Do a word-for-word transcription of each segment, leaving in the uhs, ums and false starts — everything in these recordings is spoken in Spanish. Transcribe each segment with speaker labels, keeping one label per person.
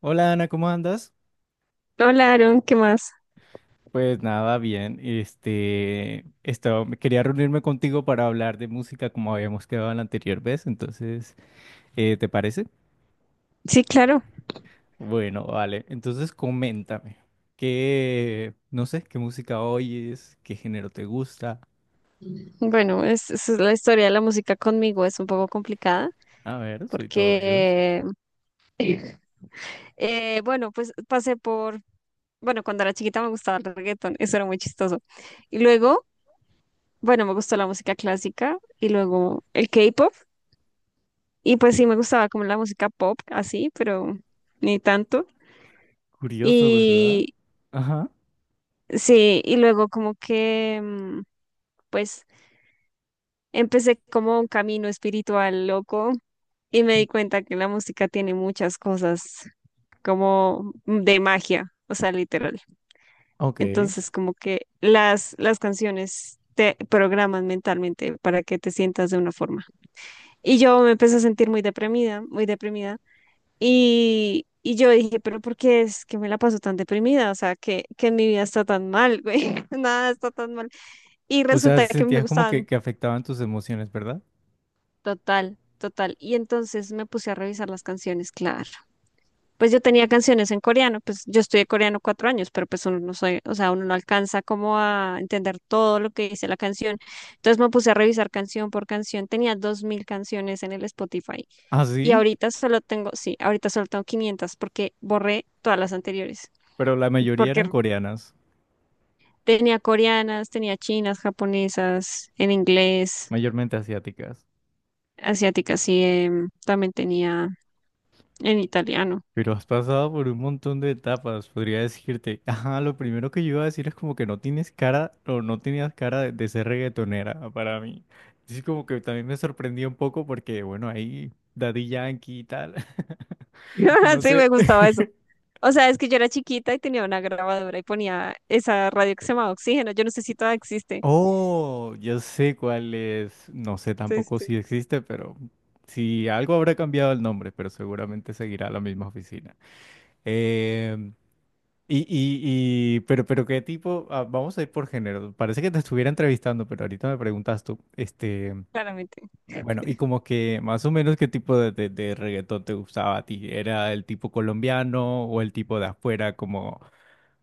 Speaker 1: Hola Ana, ¿cómo andas?
Speaker 2: Hola, Aaron, ¿qué más?
Speaker 1: Pues nada, bien. Este, estaba- quería reunirme contigo para hablar de música como habíamos quedado la anterior vez. Entonces, eh, ¿te parece?
Speaker 2: Sí, claro.
Speaker 1: Bueno, vale. Entonces, coméntame. ¿Qué, no sé, qué música oyes? ¿Qué género te gusta?
Speaker 2: Bueno, es, es la historia de la música conmigo, es un poco complicada
Speaker 1: A ver, soy todo oídos.
Speaker 2: porque. Sí. eh, bueno, pues pasé por, bueno, cuando era chiquita me gustaba el reggaetón, eso era muy chistoso. Y luego, bueno, me gustó la música clásica y luego el K-pop y pues sí, me gustaba como la música pop, así, pero ni tanto.
Speaker 1: Curioso, ¿verdad?
Speaker 2: Y
Speaker 1: Ajá,
Speaker 2: sí, y luego como que, mm, pues. Empecé como un camino espiritual loco. Y me di cuenta que la música tiene muchas cosas como de magia, o sea, literal.
Speaker 1: ok.
Speaker 2: Entonces, como que las, las canciones te programan mentalmente para que te sientas de una forma. Y yo me empecé a sentir muy deprimida, muy deprimida. Y, y yo dije, pero ¿por qué es que me la paso tan deprimida? O sea, que, que mi vida está tan mal, güey. Nada está tan mal. Y
Speaker 1: O sea,
Speaker 2: resulta que me
Speaker 1: sentías como
Speaker 2: gustaban
Speaker 1: que, que afectaban tus emociones, ¿verdad?
Speaker 2: total, total. Y entonces me puse a revisar las canciones, claro. Pues yo tenía canciones en coreano, pues yo estudié coreano cuatro años, pero pues uno no soy, o sea, uno no alcanza como a entender todo lo que dice la canción. Entonces me puse a revisar canción por canción, tenía dos mil canciones en el Spotify
Speaker 1: Ah,
Speaker 2: y
Speaker 1: sí,
Speaker 2: ahorita solo tengo, sí, ahorita solo tengo quinientas porque borré todas las anteriores,
Speaker 1: pero la mayoría
Speaker 2: porque
Speaker 1: eran coreanas,
Speaker 2: tenía coreanas, tenía chinas, japonesas, en inglés,
Speaker 1: mayormente asiáticas.
Speaker 2: asiáticas sí, em, también tenía en italiano.
Speaker 1: Pero has pasado por un montón de etapas, podría decirte. Ajá, lo primero que yo iba a decir es como que no tienes cara o no tenías cara de, de ser reggaetonera para mí. Así como que también me sorprendió un poco porque, bueno, ahí Daddy Yankee y tal, no
Speaker 2: Sí,
Speaker 1: sé.
Speaker 2: me gustaba eso. O sea, es que yo era chiquita y tenía una grabadora y ponía esa radio que se llamaba Oxígeno. Yo no sé si todavía existe.
Speaker 1: Oh, yo sé cuál es. No sé
Speaker 2: Sí,
Speaker 1: tampoco
Speaker 2: sí,
Speaker 1: si existe, pero si algo habrá cambiado el nombre, pero seguramente seguirá la misma oficina. Y, y, y, pero, pero qué tipo, ah, vamos a ir por género. Parece que te estuviera entrevistando, pero ahorita me preguntas tú, este,
Speaker 2: claramente.
Speaker 1: bueno, y como que más o menos qué tipo de, de, de reggaetón te gustaba a ti. ¿Era el tipo colombiano o el tipo de afuera como,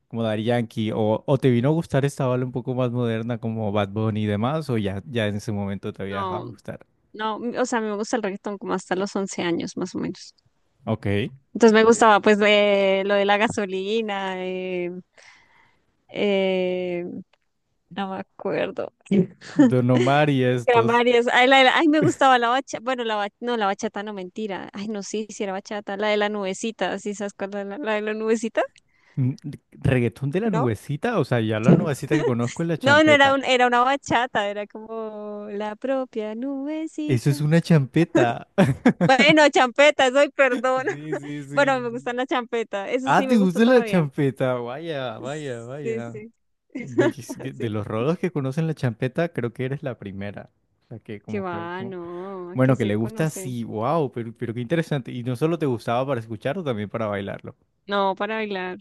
Speaker 1: como Daddy Yankee? ¿O, o te vino a gustar esta bala un poco más moderna como Bad Bunny y demás? ¿O ya, ya en ese momento te había
Speaker 2: No,
Speaker 1: dejado de gustar?
Speaker 2: no, m- o sea, a mí me gusta el reggaetón como hasta los once años, más o menos.
Speaker 1: Ok.
Speaker 2: Entonces me gustaba pues de, lo de la gasolina, eh, eh, no me acuerdo.
Speaker 1: Don Omar y
Speaker 2: Eran
Speaker 1: estos.
Speaker 2: varios. Ay, la de la- ay, me gustaba la bachata. Bueno, la bachata, no, la bachata no, mentira. Ay, no, sí, sí era bachata. La de la nubecita, ¿sí sabes cuál es la, la de la nubecita?
Speaker 1: Mm. ¿Reggaetón de la
Speaker 2: ¿No?
Speaker 1: nubecita? O sea, ya la nubecita que conozco es la
Speaker 2: No, no era
Speaker 1: champeta.
Speaker 2: un, era una bachata, era como la propia
Speaker 1: Eso es
Speaker 2: nubecita.
Speaker 1: una champeta.
Speaker 2: Bueno, champeta, soy
Speaker 1: Sí,
Speaker 2: perdón.
Speaker 1: sí, sí.
Speaker 2: Bueno,
Speaker 1: Sí.
Speaker 2: me gustan las champetas, eso
Speaker 1: Ah,
Speaker 2: sí
Speaker 1: ¿te
Speaker 2: me gusta
Speaker 1: gusta la
Speaker 2: todavía.
Speaker 1: champeta? Vaya, vaya,
Speaker 2: Sí,
Speaker 1: vaya.
Speaker 2: sí.
Speaker 1: Ve, es que de
Speaker 2: Sí.
Speaker 1: los rolos que conocen la champeta, creo que eres la primera. O sea, que
Speaker 2: Qué
Speaker 1: como que...
Speaker 2: va,
Speaker 1: como-
Speaker 2: no, aquí
Speaker 1: Bueno, que le
Speaker 2: se
Speaker 1: gusta,
Speaker 2: conoce.
Speaker 1: sí, wow, pero, pero qué interesante. Y no solo te gustaba para escucharlo, también para bailarlo.
Speaker 2: No, para bailar,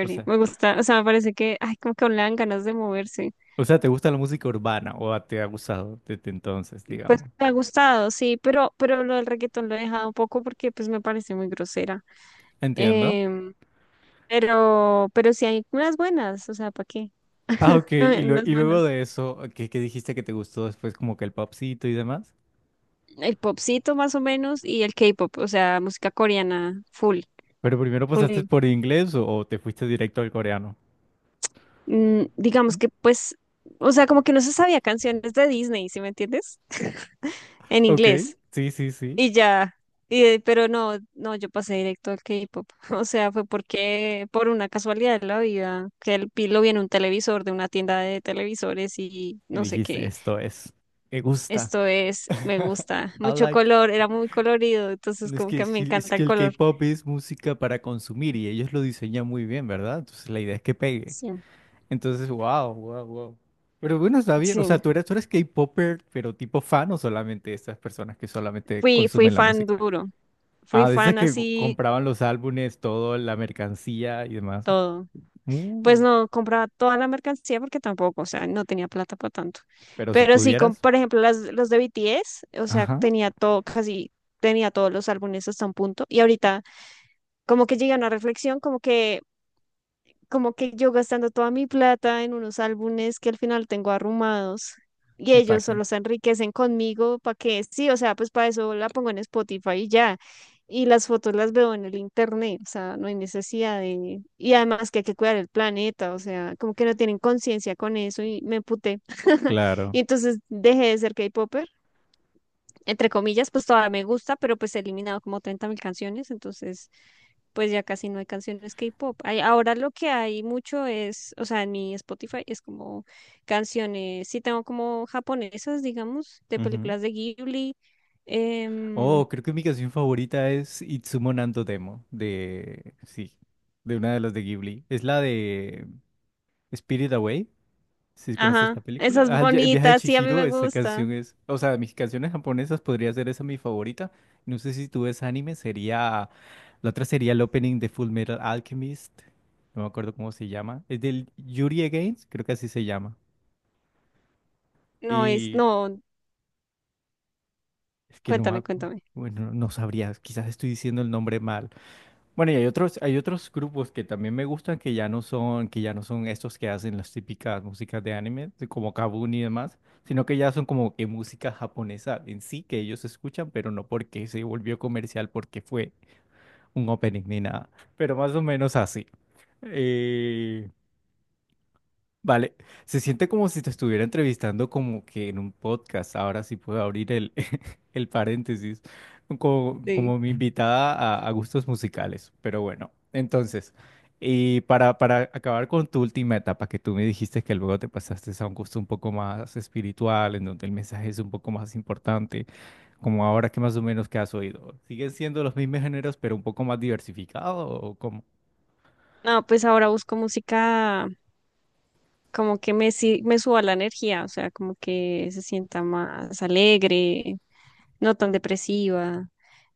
Speaker 1: O sea,
Speaker 2: Me gusta, o sea, me parece que, ay, como que aún le dan ganas de moverse.
Speaker 1: o sea, ¿te gusta la música urbana o te ha gustado desde entonces,
Speaker 2: ¿Sí? Pues
Speaker 1: digamos?
Speaker 2: me ha gustado, sí, pero, pero lo del reggaetón lo he dejado un poco porque pues me parece muy grosera.
Speaker 1: Entiendo.
Speaker 2: Em, pero, pero sí hay unas buenas, o sea, ¿para qué?
Speaker 1: Ah, ok. Y,
Speaker 2: Hay
Speaker 1: lue-
Speaker 2: unas
Speaker 1: y luego
Speaker 2: buenas.
Speaker 1: de eso, ¿qué, qué dijiste que te gustó después como que el popcito y demás?
Speaker 2: El popcito más o menos y el K-pop, o sea, música coreana full,
Speaker 1: Pero primero pasaste
Speaker 2: full.
Speaker 1: por inglés o, o te fuiste directo al coreano.
Speaker 2: Mm, digamos que pues, o sea, como que no se sabía canciones de Disney, ¿sí me entiendes? En
Speaker 1: Ok,
Speaker 2: inglés.
Speaker 1: sí, sí, sí.
Speaker 2: Y ya, y, de- pero no, no, yo pasé directo al K-pop. O sea, fue porque, por una casualidad de la vida, que el pilo vi en un televisor de una tienda de televisores y
Speaker 1: Y
Speaker 2: no sé
Speaker 1: dijiste,
Speaker 2: qué.
Speaker 1: esto es, me gusta.
Speaker 2: Esto es, me gusta,
Speaker 1: I
Speaker 2: mucho
Speaker 1: like.
Speaker 2: color, era muy colorido, entonces
Speaker 1: No, es
Speaker 2: como
Speaker 1: que,
Speaker 2: que
Speaker 1: es
Speaker 2: me
Speaker 1: que es
Speaker 2: encanta
Speaker 1: que
Speaker 2: el
Speaker 1: el
Speaker 2: color.
Speaker 1: K-pop es música para consumir y ellos lo diseñan muy bien, ¿verdad? Entonces la idea es que pegue.
Speaker 2: Sí.
Speaker 1: Entonces, wow, wow, wow. Pero bueno, está bien.
Speaker 2: Sí,
Speaker 1: O sea, tú eres, tú eres K-popper, pero tipo fan o solamente esas personas que solamente
Speaker 2: fui, fui
Speaker 1: consumen la
Speaker 2: fan
Speaker 1: música.
Speaker 2: duro, fui
Speaker 1: Ah, de esas
Speaker 2: fan
Speaker 1: que
Speaker 2: así
Speaker 1: compraban los álbumes, todo, la mercancía y demás.
Speaker 2: todo. Pues
Speaker 1: Uh,
Speaker 2: no compraba toda la mercancía porque tampoco, o sea, no tenía plata para tanto.
Speaker 1: pero si
Speaker 2: Pero sí, con,
Speaker 1: pudieras.
Speaker 2: por ejemplo, las, los de B T S, o sea,
Speaker 1: Ajá.
Speaker 2: tenía todo, casi tenía todos los álbumes hasta un punto. Y ahorita como que llegué a una reflexión, como que como que yo gastando toda mi plata en unos álbumes que al final tengo arrumados y
Speaker 1: ¿Y pa'
Speaker 2: ellos
Speaker 1: qué?
Speaker 2: solo se enriquecen conmigo para que sí, o sea, pues para eso la pongo en Spotify y ya. Y las fotos las veo en el internet, o sea, no hay necesidad de. Y además que hay que cuidar el planeta, o sea, como que no tienen conciencia con eso y me puté.
Speaker 1: Claro.
Speaker 2: Y entonces dejé de ser K-Popper entre comillas, pues todavía me gusta, pero pues he eliminado como treinta mil canciones, entonces pues ya casi no hay canciones K-pop. Hay- Ahora lo que hay mucho es, o sea, en mi Spotify es como canciones, sí tengo como japonesas, digamos, de
Speaker 1: Ujú.
Speaker 2: películas de Ghibli. em,
Speaker 1: Oh, creo que mi canción favorita es Itsumo Nanto Demo, de, sí, de una de las de Ghibli. Es la de Spirit Away, si conoces la
Speaker 2: ajá,
Speaker 1: película.
Speaker 2: esas
Speaker 1: Ah, el viaje de
Speaker 2: bonitas, sí, a mí
Speaker 1: Chihiro,
Speaker 2: me
Speaker 1: esa
Speaker 2: gusta.
Speaker 1: canción es, o sea, de mis canciones japonesas podría ser esa mi favorita. No sé si tú ves anime, sería. La otra sería el opening de Full Metal Alchemist. No me acuerdo cómo se llama. Es del Yuri Against, creo que así se llama.
Speaker 2: No es, no,
Speaker 1: Es que no me
Speaker 2: cuéntame,
Speaker 1: acu-
Speaker 2: cuéntame.
Speaker 1: Bueno, no sabría, quizás estoy diciendo el nombre mal. Bueno, y hay otros, hay otros grupos que también me gustan que ya no son, que ya no son estos que hacen las típicas músicas de anime, de como Kabuni y demás, sino que ya son como que música japonesa en sí que ellos escuchan, pero no porque se volvió comercial, porque fue un opening ni nada. Pero más o menos así. Eh, Vale, se siente como si te estuviera entrevistando como que en un podcast. Ahora sí puedo abrir el, el paréntesis, como,
Speaker 2: Sí.
Speaker 1: como mi invitada a, a gustos musicales. Pero bueno, entonces, y para, para acabar con tu última etapa, que tú me dijiste que luego te pasaste a un gusto un poco más espiritual, en donde el mensaje es un poco más importante, como ahora que más o menos que has oído. ¿Siguen siendo los mismos géneros, pero un poco más diversificados o cómo?
Speaker 2: No, pues ahora busco música como que me, si- me suba la energía, o sea, como que se sienta más alegre, no tan depresiva.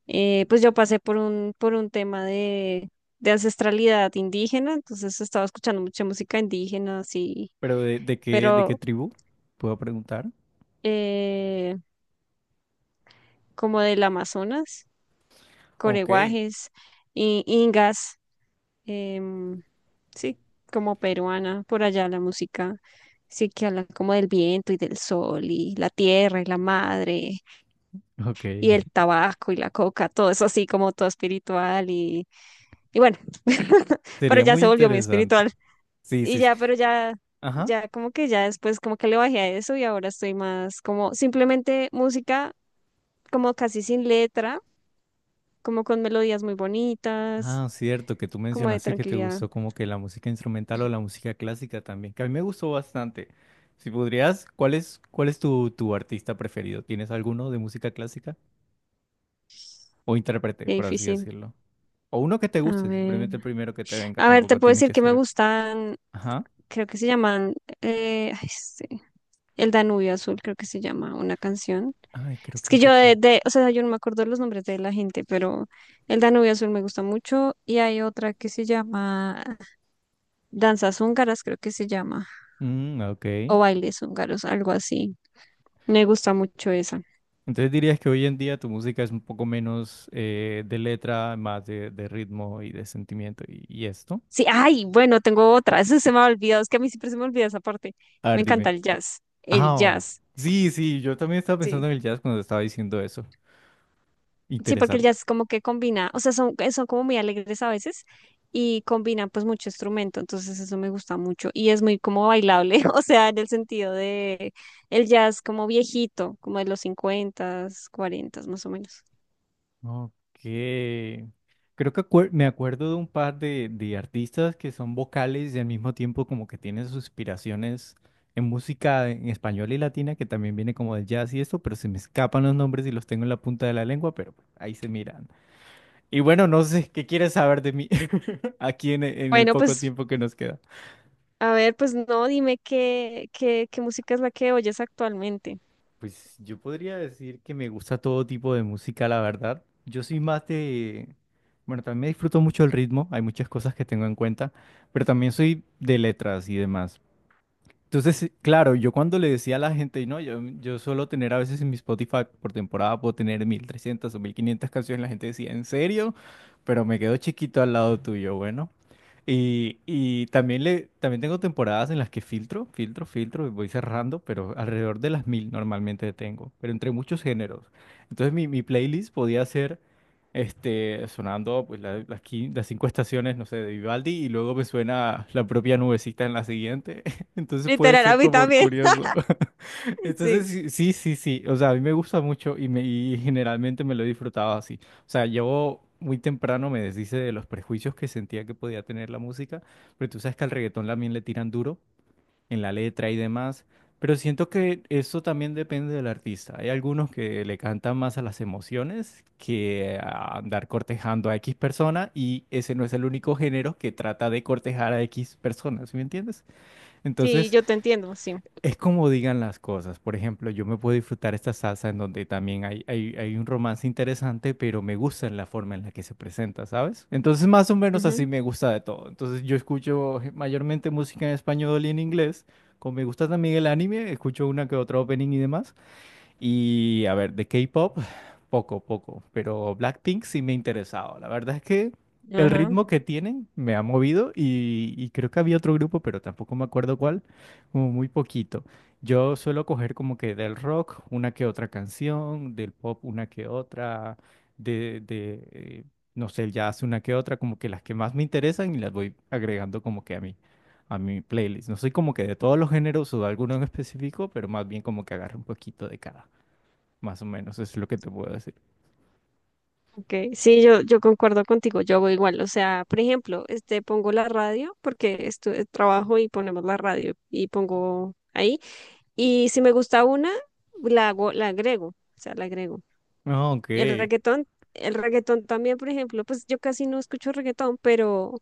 Speaker 2: Eh, pues yo pasé por un, por un tema de, de ancestralidad indígena, entonces estaba escuchando mucha música indígena, sí,
Speaker 1: ¿Pero de, de qué, de qué
Speaker 2: pero
Speaker 1: tribu? ¿Puedo preguntar?
Speaker 2: eh, como del Amazonas,
Speaker 1: Ok.
Speaker 2: coreguajes, i- ingas, em, sí, como peruana, por allá la música. Sí, que hablan como del viento y del sol y la tierra y la madre
Speaker 1: Ok,
Speaker 2: y el tabaco y la coca, todo eso así como todo espiritual y. Y bueno, pero
Speaker 1: sería
Speaker 2: ya
Speaker 1: muy
Speaker 2: se volvió muy
Speaker 1: interesante.
Speaker 2: espiritual.
Speaker 1: Sí,
Speaker 2: Y
Speaker 1: sí, sí.
Speaker 2: ya, pero ya,
Speaker 1: Ajá.
Speaker 2: ya como que ya después como que le bajé a eso y ahora estoy más como simplemente música como casi sin letra, como con melodías muy bonitas,
Speaker 1: Ah, cierto, que tú
Speaker 2: como de
Speaker 1: mencionaste que te
Speaker 2: tranquilidad.
Speaker 1: gustó como que la música instrumental o la música clásica también, que a mí me gustó bastante. Si podrías, ¿cuál es, cuál es tu, tu artista preferido? ¿Tienes alguno de música clásica? O intérprete,
Speaker 2: Qué
Speaker 1: por así
Speaker 2: difícil.
Speaker 1: decirlo. O uno que te
Speaker 2: A
Speaker 1: guste,
Speaker 2: ver.
Speaker 1: simplemente el primero que te venga,
Speaker 2: A ver, te
Speaker 1: tampoco
Speaker 2: puedo
Speaker 1: tiene
Speaker 2: decir
Speaker 1: que
Speaker 2: que me
Speaker 1: ser.
Speaker 2: gustan,
Speaker 1: Ajá.
Speaker 2: creo que se llaman eh, ay, sí, El Danubio Azul, creo que se llama una canción.
Speaker 1: Ay, creo
Speaker 2: Es
Speaker 1: que
Speaker 2: que yo de,
Speaker 1: recuerdo.
Speaker 2: de- o sea, yo no me acuerdo los nombres de la gente, pero el Danubio Azul me gusta mucho y hay otra que se llama Danzas Húngaras, creo que se llama,
Speaker 1: Mm, ok.
Speaker 2: o Bailes Húngaros, algo así. Me gusta mucho esa.
Speaker 1: Entonces dirías que hoy en día tu música es un poco menos eh, de letra, más de, de ritmo y de sentimiento y, y esto.
Speaker 2: Sí, ay, bueno, tengo otra, eso se me ha olvidado, es que a mí siempre se me olvida esa parte.
Speaker 1: A
Speaker 2: Me
Speaker 1: ver, dime.
Speaker 2: encanta el jazz,
Speaker 1: Ah,
Speaker 2: el
Speaker 1: oh.
Speaker 2: jazz,
Speaker 1: Sí, sí, yo también estaba pensando
Speaker 2: sí.
Speaker 1: en el jazz cuando estaba diciendo eso.
Speaker 2: Sí, porque el
Speaker 1: Interesante.
Speaker 2: jazz como que combina, o sea, son, eh, son como muy alegres a veces y combinan pues mucho instrumento, entonces eso me gusta mucho y es muy como bailable, o sea, en el sentido de el jazz como viejito, como de los cincuenta, cuarenta más o menos.
Speaker 1: Ok. Creo que acuer- me acuerdo de un par de, de artistas que son vocales y al mismo tiempo como que tienen sus inspiraciones en música en español y latina, que también viene como del jazz y esto, pero se me escapan los nombres y los tengo en la punta de la lengua, pero ahí se miran. Y bueno, no sé, ¿qué quieres saber de mí aquí en, e- en el
Speaker 2: Bueno,
Speaker 1: poco
Speaker 2: pues
Speaker 1: tiempo que nos queda?
Speaker 2: a ver, pues no, dime qué, qué, qué música es la que oyes actualmente.
Speaker 1: Pues yo podría decir que me gusta todo tipo de música, la verdad. Yo soy más de. Bueno, también disfruto mucho el ritmo, hay muchas cosas que tengo en cuenta, pero también soy de letras y demás. Entonces, claro, yo cuando le decía a la gente, no, yo, yo suelo tener a veces en mi Spotify por temporada, puedo tener mil trescientas o mil quinientas canciones, la gente decía, ¿en serio? Pero me quedo chiquito al lado tuyo, bueno. Y, y también, le, también tengo temporadas en las que filtro, filtro, filtro, y voy cerrando, pero alrededor de las mil normalmente tengo, pero entre muchos géneros. Entonces mi, mi playlist podía ser este, sonando pues, la- las, quin- las cinco estaciones, no sé, de Vivaldi, y luego me suena la propia nubecita en la siguiente. Entonces puede
Speaker 2: Literal, a
Speaker 1: ser
Speaker 2: mí
Speaker 1: como
Speaker 2: también.
Speaker 1: curioso. Entonces,
Speaker 2: Sí,
Speaker 1: sí, sí, sí, sí. O sea, a mí me gusta mucho y, me, y generalmente me lo he disfrutado así. O sea, yo muy temprano me deshice de los prejuicios que sentía que podía tener la música, pero tú sabes que al reggaetón también le tiran duro en la letra y demás. Pero siento que eso también depende del artista. Hay algunos que le cantan más a las emociones que a andar cortejando a X persona y ese no es el único género que trata de cortejar a X personas, ¿sí me entiendes?
Speaker 2: sí,
Speaker 1: Entonces.
Speaker 2: yo te entiendo, sí.
Speaker 1: Es como digan las cosas. Por ejemplo, yo me puedo disfrutar esta salsa en donde también hay, hay, hay un romance interesante, pero me gusta en la forma en la que se presenta, ¿sabes? Entonces, más o menos así
Speaker 2: Ujú.
Speaker 1: me gusta de todo. Entonces, yo escucho mayormente música en español y en inglés. Como me gusta también el anime, escucho una que otra opening y demás. Y a ver, de K-pop. Poco, poco, pero Blackpink sí me ha interesado. La verdad es que el
Speaker 2: Ajá.
Speaker 1: ritmo que tienen me ha movido y, y creo que había otro grupo, pero tampoco me acuerdo cuál, como muy poquito. Yo suelo coger como que del rock una que otra canción, del pop una que otra, de, de eh, no sé, el jazz una que otra, como que las que más me interesan y las voy agregando como que a mi, a mi playlist. No soy como que de todos los géneros o de alguno en específico, pero más bien como que agarro un poquito de cada. Más o menos, eso es lo que te puedo decir.
Speaker 2: Okay, sí, yo, yo concuerdo contigo, yo hago igual, o sea, por ejemplo, este, pongo la radio porque estu- eh, trabajo y ponemos la radio y pongo ahí, y si me gusta una, la hago, la agrego, o sea, la agrego.
Speaker 1: Ah, ok,
Speaker 2: El reggaetón, el reggaetón también, por ejemplo, pues yo casi no escucho reggaetón, pero,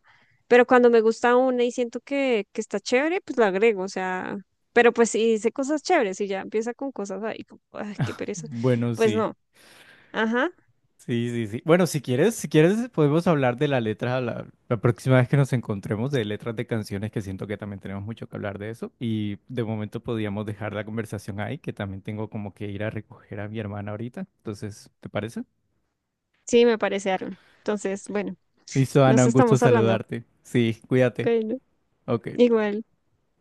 Speaker 2: pero cuando me gusta una y siento que, que, está chévere, pues la agrego, o sea, pero pues si dice cosas chéveres y ya empieza con cosas ahí, como, ay, qué pereza,
Speaker 1: bueno,
Speaker 2: pues
Speaker 1: sí,
Speaker 2: no, ajá,
Speaker 1: sí, sí, sí. Bueno, si quieres, si quieres, podemos hablar de la letra la, la próxima vez que nos encontremos, de letras de canciones, que siento que también tenemos mucho que hablar de eso. Y de momento podríamos dejar la conversación ahí, que también tengo como que ir a recoger a mi hermana ahorita. Entonces, ¿te parece?
Speaker 2: sí, me parece, Aaron. Entonces, bueno.
Speaker 1: Listo, Ana,
Speaker 2: Nos
Speaker 1: un gusto
Speaker 2: estamos hablando.
Speaker 1: saludarte. Sí, cuídate.
Speaker 2: Bueno,
Speaker 1: Ok.
Speaker 2: igual.